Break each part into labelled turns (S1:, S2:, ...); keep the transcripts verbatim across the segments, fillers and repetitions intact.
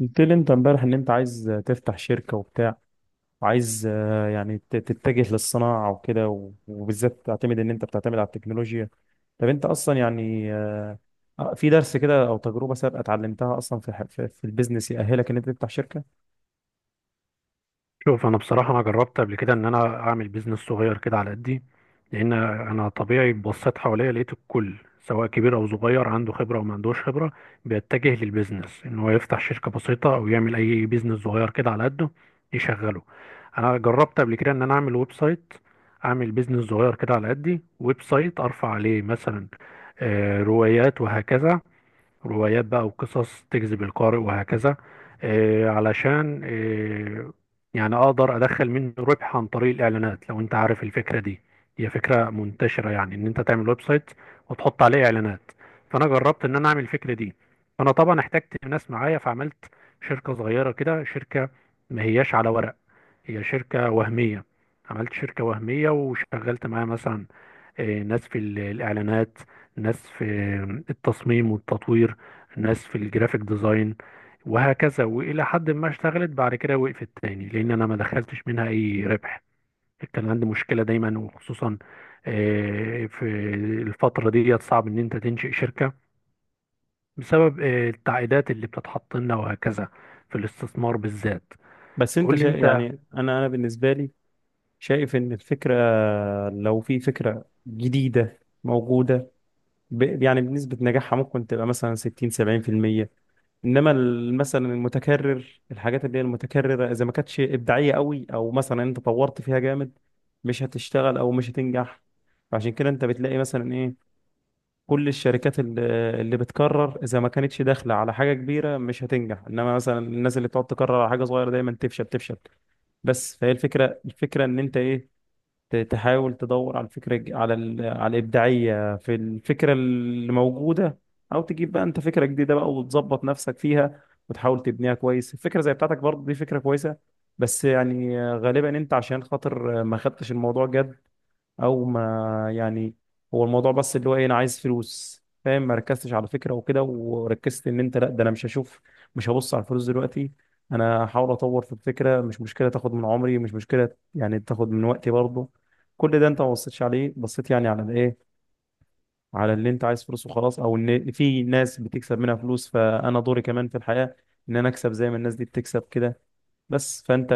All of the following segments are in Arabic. S1: قلت لي انت امبارح ان انت عايز تفتح شركة وبتاع وعايز آه، يعني ت- تتجه للصناعة وكده و- وبالذات تعتمد ان انت بتعتمد على التكنولوجيا. طب انت اصلا يعني آه، آه، في درس كده او تجربة سابقة اتعلمتها اصلا في ح- في في البيزنس يأهلك ان انت تفتح شركة؟
S2: شوف، انا بصراحه انا جربت قبل كده ان انا اعمل بيزنس صغير كده على قدي. لان انا طبيعي بصيت حواليا، لقيت الكل سواء كبير او صغير عنده خبره او ما عندوش خبره بيتجه للبيزنس ان هو يفتح شركه بسيطه او يعمل اي بيزنس صغير كده على قده يشغله. انا جربت قبل كده ان انا اعمل ويب سايت، اعمل بيزنس صغير كده على قدي، ويب سايت ارفع عليه مثلا آه، روايات وهكذا، روايات بقى وقصص تجذب القارئ وهكذا، آه، علشان آه، يعني اقدر ادخل منه ربح عن طريق الاعلانات، لو انت عارف الفكره دي. هي فكره منتشره، يعني ان انت تعمل ويب سايت وتحط عليه اعلانات. فانا جربت ان انا اعمل الفكره دي، فانا طبعا احتجت ناس معايا، فعملت شركه صغيره كده، شركه ما هياش على ورق، هي شركه وهميه. عملت شركه وهميه وشغلت معايا مثلا آه، ناس في ال- الإعلانات، ناس في آه، التصميم والتطوير، ناس في الجرافيك ديزاين وهكذا. وإلى حد ما اشتغلت، بعد كده وقفت تاني، لأن أنا ما دخلتش منها أي ربح. كان عندي مشكلة دايما، وخصوصا آه، في الفترة دي صعب إن أنت تنشئ شركة، بسبب آه، التعقيدات اللي بتتحط لنا وهكذا، في الاستثمار بالذات.
S1: بس انت
S2: قول لي
S1: شا...
S2: أنت.
S1: يعني انا انا بالنسبة لي شايف ان الفكرة، لو في فكرة جديدة موجودة، ب... يعني بنسبة نجاحها ممكن تبقى مثلا ستين سبعين في المية. انما ال- مثلا المتكرر، الحاجات اللي هي المتكرره، اذا ما كانتش ابداعيه قوي او مثلا انت طورت فيها جامد، مش هتشتغل او مش هتنجح. فعشان كده انت بتلاقي مثلا ايه، كل الشركات اللي اللي بتكرر اذا ما كانتش داخله على حاجه كبيره مش هتنجح، انما مثلا الناس اللي بتقعد تكرر على حاجه صغيره دايما تفشل تفشل. بس فهي الفكره الفكره ان انت ايه، ت- تحاول تدور على الفكرة الج- على ال... على الإبداعية في الفكرة اللي موجودة، أو تجيب بقى أنت فكرة جديدة بقى وتظبط نفسك فيها وتحاول تبنيها كويس. الفكرة زي بتاعتك برضه دي فكرة كويسة، بس يعني غالبا أنت عشان خاطر ما خدتش الموضوع جد. او ما يعني، هو الموضوع بس اللي هو ايه، انا عايز فلوس، فاهم، ما ركزتش على فكره وكده، وركزت ان انت لا، ده انا مش هشوف، مش هبص على الفلوس دلوقتي، انا هحاول اطور في الفكره، مش مشكله تاخد من عمري، مش مشكله يعني تاخد من وقتي برضه. كل ده انت ما بصيتش عليه، بصيت يعني على الايه، على اللي انت عايز فلوس وخلاص، او ان في ناس بتكسب منها فلوس، فانا دوري كمان في الحياه ان انا اكسب زي ما الناس دي بتكسب كده. بس فانت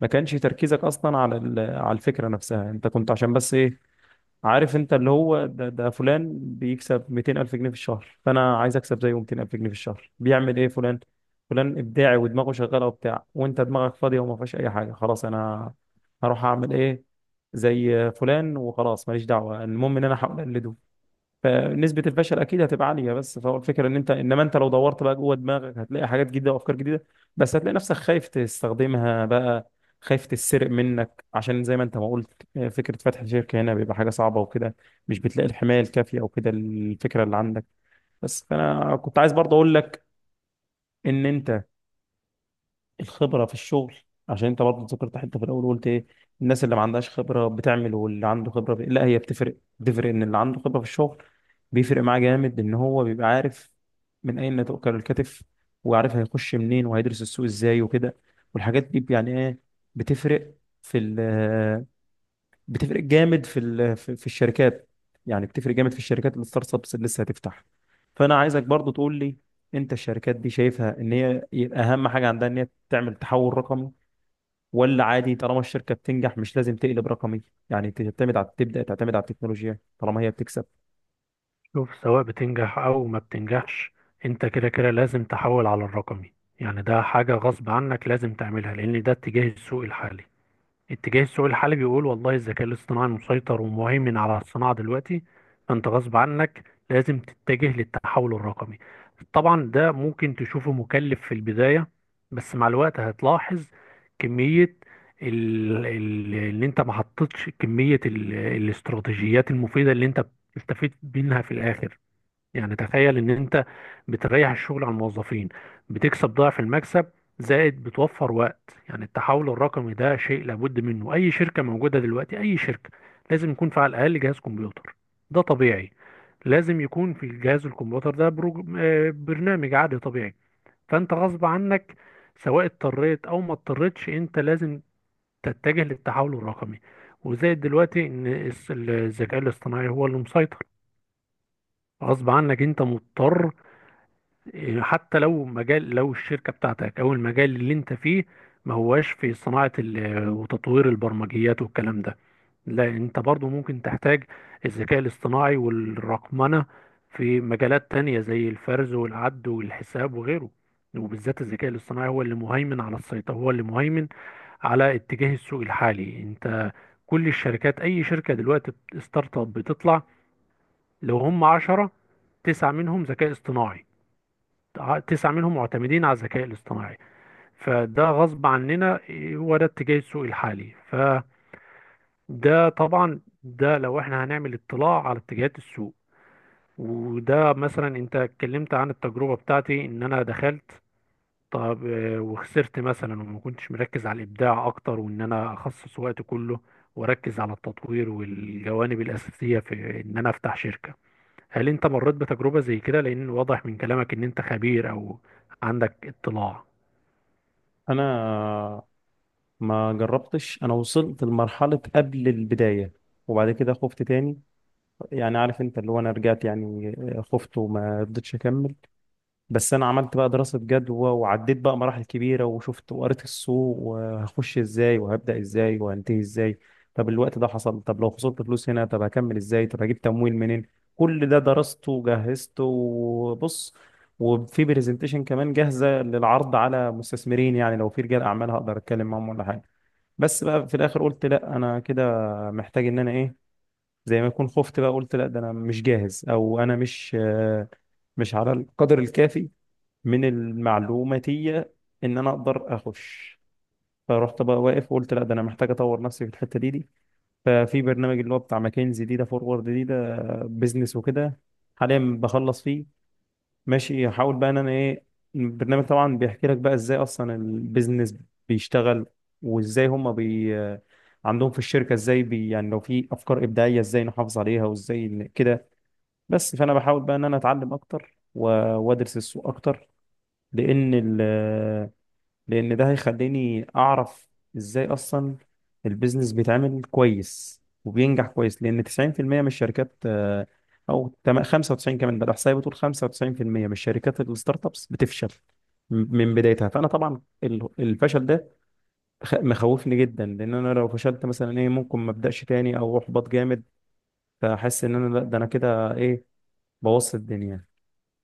S1: ما كانش تركيزك اصلا على ال- على الفكره نفسها، انت كنت عشان بس ايه، عارف انت اللي هو ده, ده فلان بيكسب مئتين الف جنيه في الشهر، فانا عايز اكسب زيه مئتين الف جنيه في الشهر، بيعمل ايه فلان؟ فلان ابداعي ودماغه شغاله وبتاع، وانت دماغك فاضيه وما فيهاش اي حاجه، خلاص انا هروح اعمل ايه، زي فلان وخلاص، ماليش دعوه، المهم ان انا احاول اقلده. فنسبة الفشل أكيد هتبقى عالية. بس فهو الفكرة إن أنت، إنما أنت لو دورت بقى جوه دماغك هتلاقي حاجات جديدة وأفكار جديدة، بس هتلاقي نفسك خايف تستخدمها بقى، خايف تتسرق منك، عشان زي ما أنت ما قلت، آه، فكرة فتح شركة هنا بيبقى حاجة صعبة وكده، مش بتلاقي الحماية الكافية وكده الفكرة اللي عندك. بس فأنا كنت عايز برضه أقول لك إن أنت الخبرة في الشغل، عشان انت برضه ذكرت حتة في الاول، قلت ايه، الناس اللي ما عندهاش خبرة بتعمل واللي عنده خبرة ب... لا، هي بتفرق، بتفرق ان اللي عنده خبرة في الشغل بيفرق معاه جامد، ان هو بيبقى عارف من اين تؤكل الكتف، وعارف هيخش منين، وهيدرس السوق ازاي وكده. والحاجات دي يعني ايه، بتفرق في ال بتفرق جامد في ال- في في الشركات. يعني بتفرق جامد في الشركات الستارت ابس اللي لسه هتفتح. فانا عايزك برضو تقول لي، انت الشركات دي شايفها ان هي يبقى اهم حاجه عندها ان هي تعمل تحول رقمي، ولا عادي طالما الشركه بتنجح مش لازم تقلب رقمي، يعني تعتمد على تبدا تعتمد على التكنولوجيا طالما هي بتكسب؟
S2: شوف، سواء بتنجح او ما بتنجحش، انت كده كده لازم تحول على الرقمي. يعني ده حاجة غصب عنك لازم تعملها، لان ده اتجاه السوق الحالي. اتجاه السوق الحالي بيقول والله الذكاء الاصطناعي مسيطر ومهيمن على الصناعة دلوقتي. فانت غصب عنك لازم تتجه للتحول الرقمي. طبعا ده ممكن تشوفه مكلف في البداية، بس مع الوقت هتلاحظ كمية ال- ال- اللي انت ما حطيتش كمية ال- الاستراتيجيات المفيدة اللي انت بتستفيد منها في الاخر. يعني تخيل ان انت بتريح الشغل على الموظفين، بتكسب ضعف المكسب، زائد بتوفر وقت. يعني التحول الرقمي ده شيء لابد منه، اي شركة موجودة دلوقتي، اي شركة، لازم يكون في على الاقل جهاز كمبيوتر. ده طبيعي. لازم يكون في الجهاز الكمبيوتر ده بروج... آه، برنامج عادي طبيعي. فانت غصب عنك، سواء اضطريت او ما اضطريتش، انت لازم تتجه للتحول الرقمي. وزائد دلوقتي ان الس- الذكاء الاصطناعي هو اللي مسيطر. غصب عنك، انت مضطر. حتى لو مجال، لو الشركة بتاعتك او المجال اللي انت فيه ما هواش في صناعة ال- وتطوير البرمجيات والكلام ده، لا انت برضو ممكن تحتاج الذكاء الاصطناعي والرقمنة في مجالات تانية زي الفرز والعد والحساب وغيره. وبالذات الذكاء الاصطناعي هو اللي مهيمن على السيطرة، هو اللي مهيمن على اتجاه السوق الحالي. انت كل الشركات، اي شركة دلوقتي، ستارت اب بتطلع، لو هم عشرة، تسعة منهم ذكاء اصطناعي، ع- تسعة منهم معتمدين على الذكاء الاصطناعي. فده غصب عننا، إيه، هو ده اتجاه السوق الحالي. فده طبعا، ده لو احنا هنعمل اطلاع على اتجاهات السوق. وده مثلا انت اتكلمت عن التجربة بتاعتي ان انا دخلت. طب آه، وخسرت مثلا وما كنتش مركز على الابداع اكتر، وان انا اخصص وقت كله واركز على التطوير والجوانب الاساسية في ان انا افتح شركة. هل انت مريت بتجربة زي كده؟ لان واضح من كلامك ان انت خبير او عندك اطلاع.
S1: انا ما جربتش، انا وصلت لمرحله قبل البدايه وبعد كده خفت تاني. يعني عارف انت اللي هو انا رجعت يعني، خفت وما رضيتش اكمل. بس انا عملت بقى دراسة جدوى وعديت بقى مراحل كبيرة، وشفت وقريت السوق، وهخش ازاي، وهبدأ ازاي، وهنتهي ازاي، طب الوقت ده حصل، طب لو خسرت فلوس هنا طب هكمل ازاي، طب هجيب تمويل منين. كل ده درسته وجهزته، وبص، وفي برزنتيشن كمان جاهزة للعرض على مستثمرين، يعني لو في رجال اعمال هقدر اتكلم معاهم ولا حاجة. بس بقى في الاخر قلت لا انا كده محتاج ان انا ايه، زي ما يكون خفت بقى، قلت لا ده انا مش جاهز، او انا مش آه، مش على القدر الكافي من المعلوماتية ان انا اقدر اخش. فرحت بقى واقف وقلت لا ده انا محتاج اطور نفسي في الحتة دي دي ففي برنامج اللي هو بتاع ماكنزي دي ده فورورد دي ده بيزنس وكده، حاليا بخلص فيه. ماشي، احاول بقى ان انا ايه، البرنامج طبعا بيحكي لك بقى ازاي اصلا البيزنس بيشتغل، وازاي هم بي عندهم في الشركة ازاي بي، يعني لو في افكار ابداعية ازاي نحافظ عليها، وازاي ن- كده. بس فانا بحاول بقى ان انا اتعلم اكتر و- وادرس السوق اكتر، لان ال لان ده هيخليني اعرف ازاي اصلا البيزنس بيتعمل كويس وبينجح كويس، لان تسعين في المية من الشركات آه، او تم- خمسة وتسعين كمان، ده الاحصائيه بتقول خمسة وتسعين في المية من الشركات الستارت ابس بتفشل م- من بدايتها. فانا طبعا ال- الفشل ده خ- مخوفني جدا، لان انا لو فشلت مثلا ايه ممكن ما ابداش تاني، او احبط جامد، فاحس ان انا لا، ده انا كده ايه، بوظت الدنيا.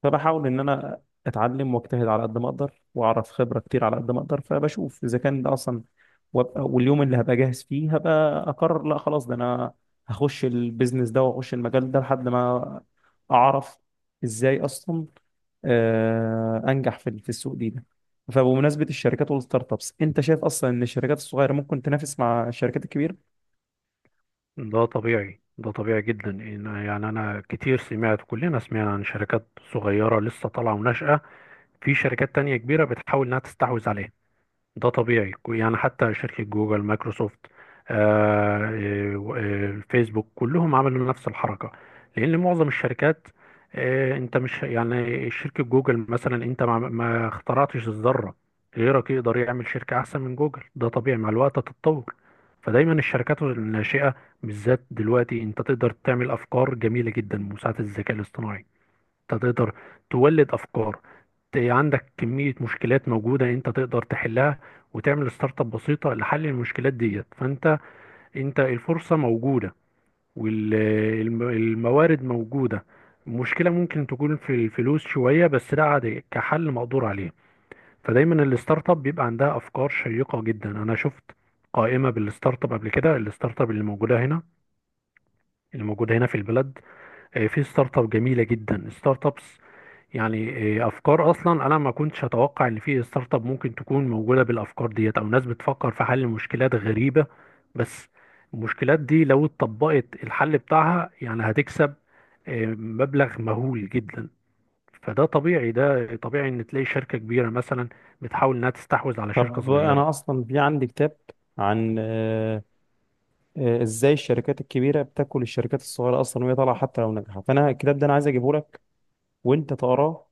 S1: فبحاول ان انا اتعلم واجتهد على قد ما اقدر، واعرف خبره كتير على قد ما اقدر، فبشوف اذا كان ده اصلا، وابقى واليوم اللي هبقى جاهز فيه هبقى اقرر لا خلاص ده انا هخش البيزنس ده واخش المجال ده، لحد ما اعرف ازاي اصلا آه، انجح في في السوق دي ده. فبمناسبة الشركات والستارت ابس، انت شايف اصلا ان الشركات الصغيرة ممكن تنافس مع الشركات الكبيرة؟
S2: ده طبيعي، ده طبيعي جدا. إن- يعني انا كتير سمعت، كلنا سمعنا عن شركات صغيرة لسه طالعة وناشئة، في شركات تانية كبيرة بتحاول انها تستحوذ عليها. ده طبيعي، يعني حتى شركة جوجل، مايكروسوفت، آه، آه، آه، فيسبوك، كلهم عملوا نفس الحركة. لأن معظم الشركات، آه، أنت مش يعني شركة جوجل مثلا، أنت ما ما اخترعتش الذرة. غيرك يقدر يعمل شركة أحسن من جوجل، ده طبيعي، مع الوقت هتتطور. فدايما الشركات الناشئة، بالذات دلوقتي، أنت تقدر تعمل أفكار جميلة جدا بمساعدة الذكاء الاصطناعي. انت تقدر تولد افكار، ت- عندك كمية مشكلات موجودة انت تقدر تحلها وتعمل ستارت اب بسيطة لحل المشكلات ديت. فانت انت الفرصة موجودة والموارد موجودة. المشكلة ممكن تكون في الفلوس شوية، بس ده عادي، كحل مقدور عليه. فدايما الستارت اب بيبقى عندها افكار شيقة جدا. انا شفت قائمة بالستارت اب قبل كده، الستارت اب اللي موجودة هنا، اللي موجودة هنا في البلد، آه، في ستارت اب جميلة جدا. ستارت اب يعني آه، افكار اصلا انا ما كنتش اتوقع ان في ستارت اب ممكن تكون موجوده بالافكار ديت، او ناس بتفكر في حل مشكلات غريبه. بس المشكلات دي لو اتطبقت الحل بتاعها يعني هتكسب آه، مبلغ مهول جدا. فده طبيعي، ده طبيعي ان تلاقي شركه كبيره مثلا بتحاول انها تستحوذ على شركه
S1: طب انا
S2: صغيره.
S1: اصلا في عندي كتاب عن آه، آه، ازاي الشركات الكبيره بتاكل الشركات الصغيره اصلا وهي طالعه حتى لو ناجحه. فانا الكتاب ده انا عايز اجيبه لك، وانت تقراه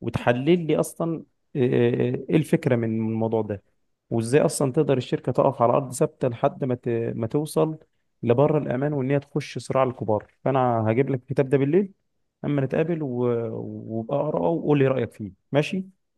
S1: وتحلل لي اصلا آه، آه، ايه الفكره من من الموضوع ده، وازاي اصلا تقدر الشركه تقف على ارض ثابته لحد ما ت- ما توصل لبره الامان، وان هي تخش صراع الكبار. فانا هجيب لك الكتاب ده بالليل اما نتقابل و- وابقى اقراه وقول لي رايك فيه، ماشي؟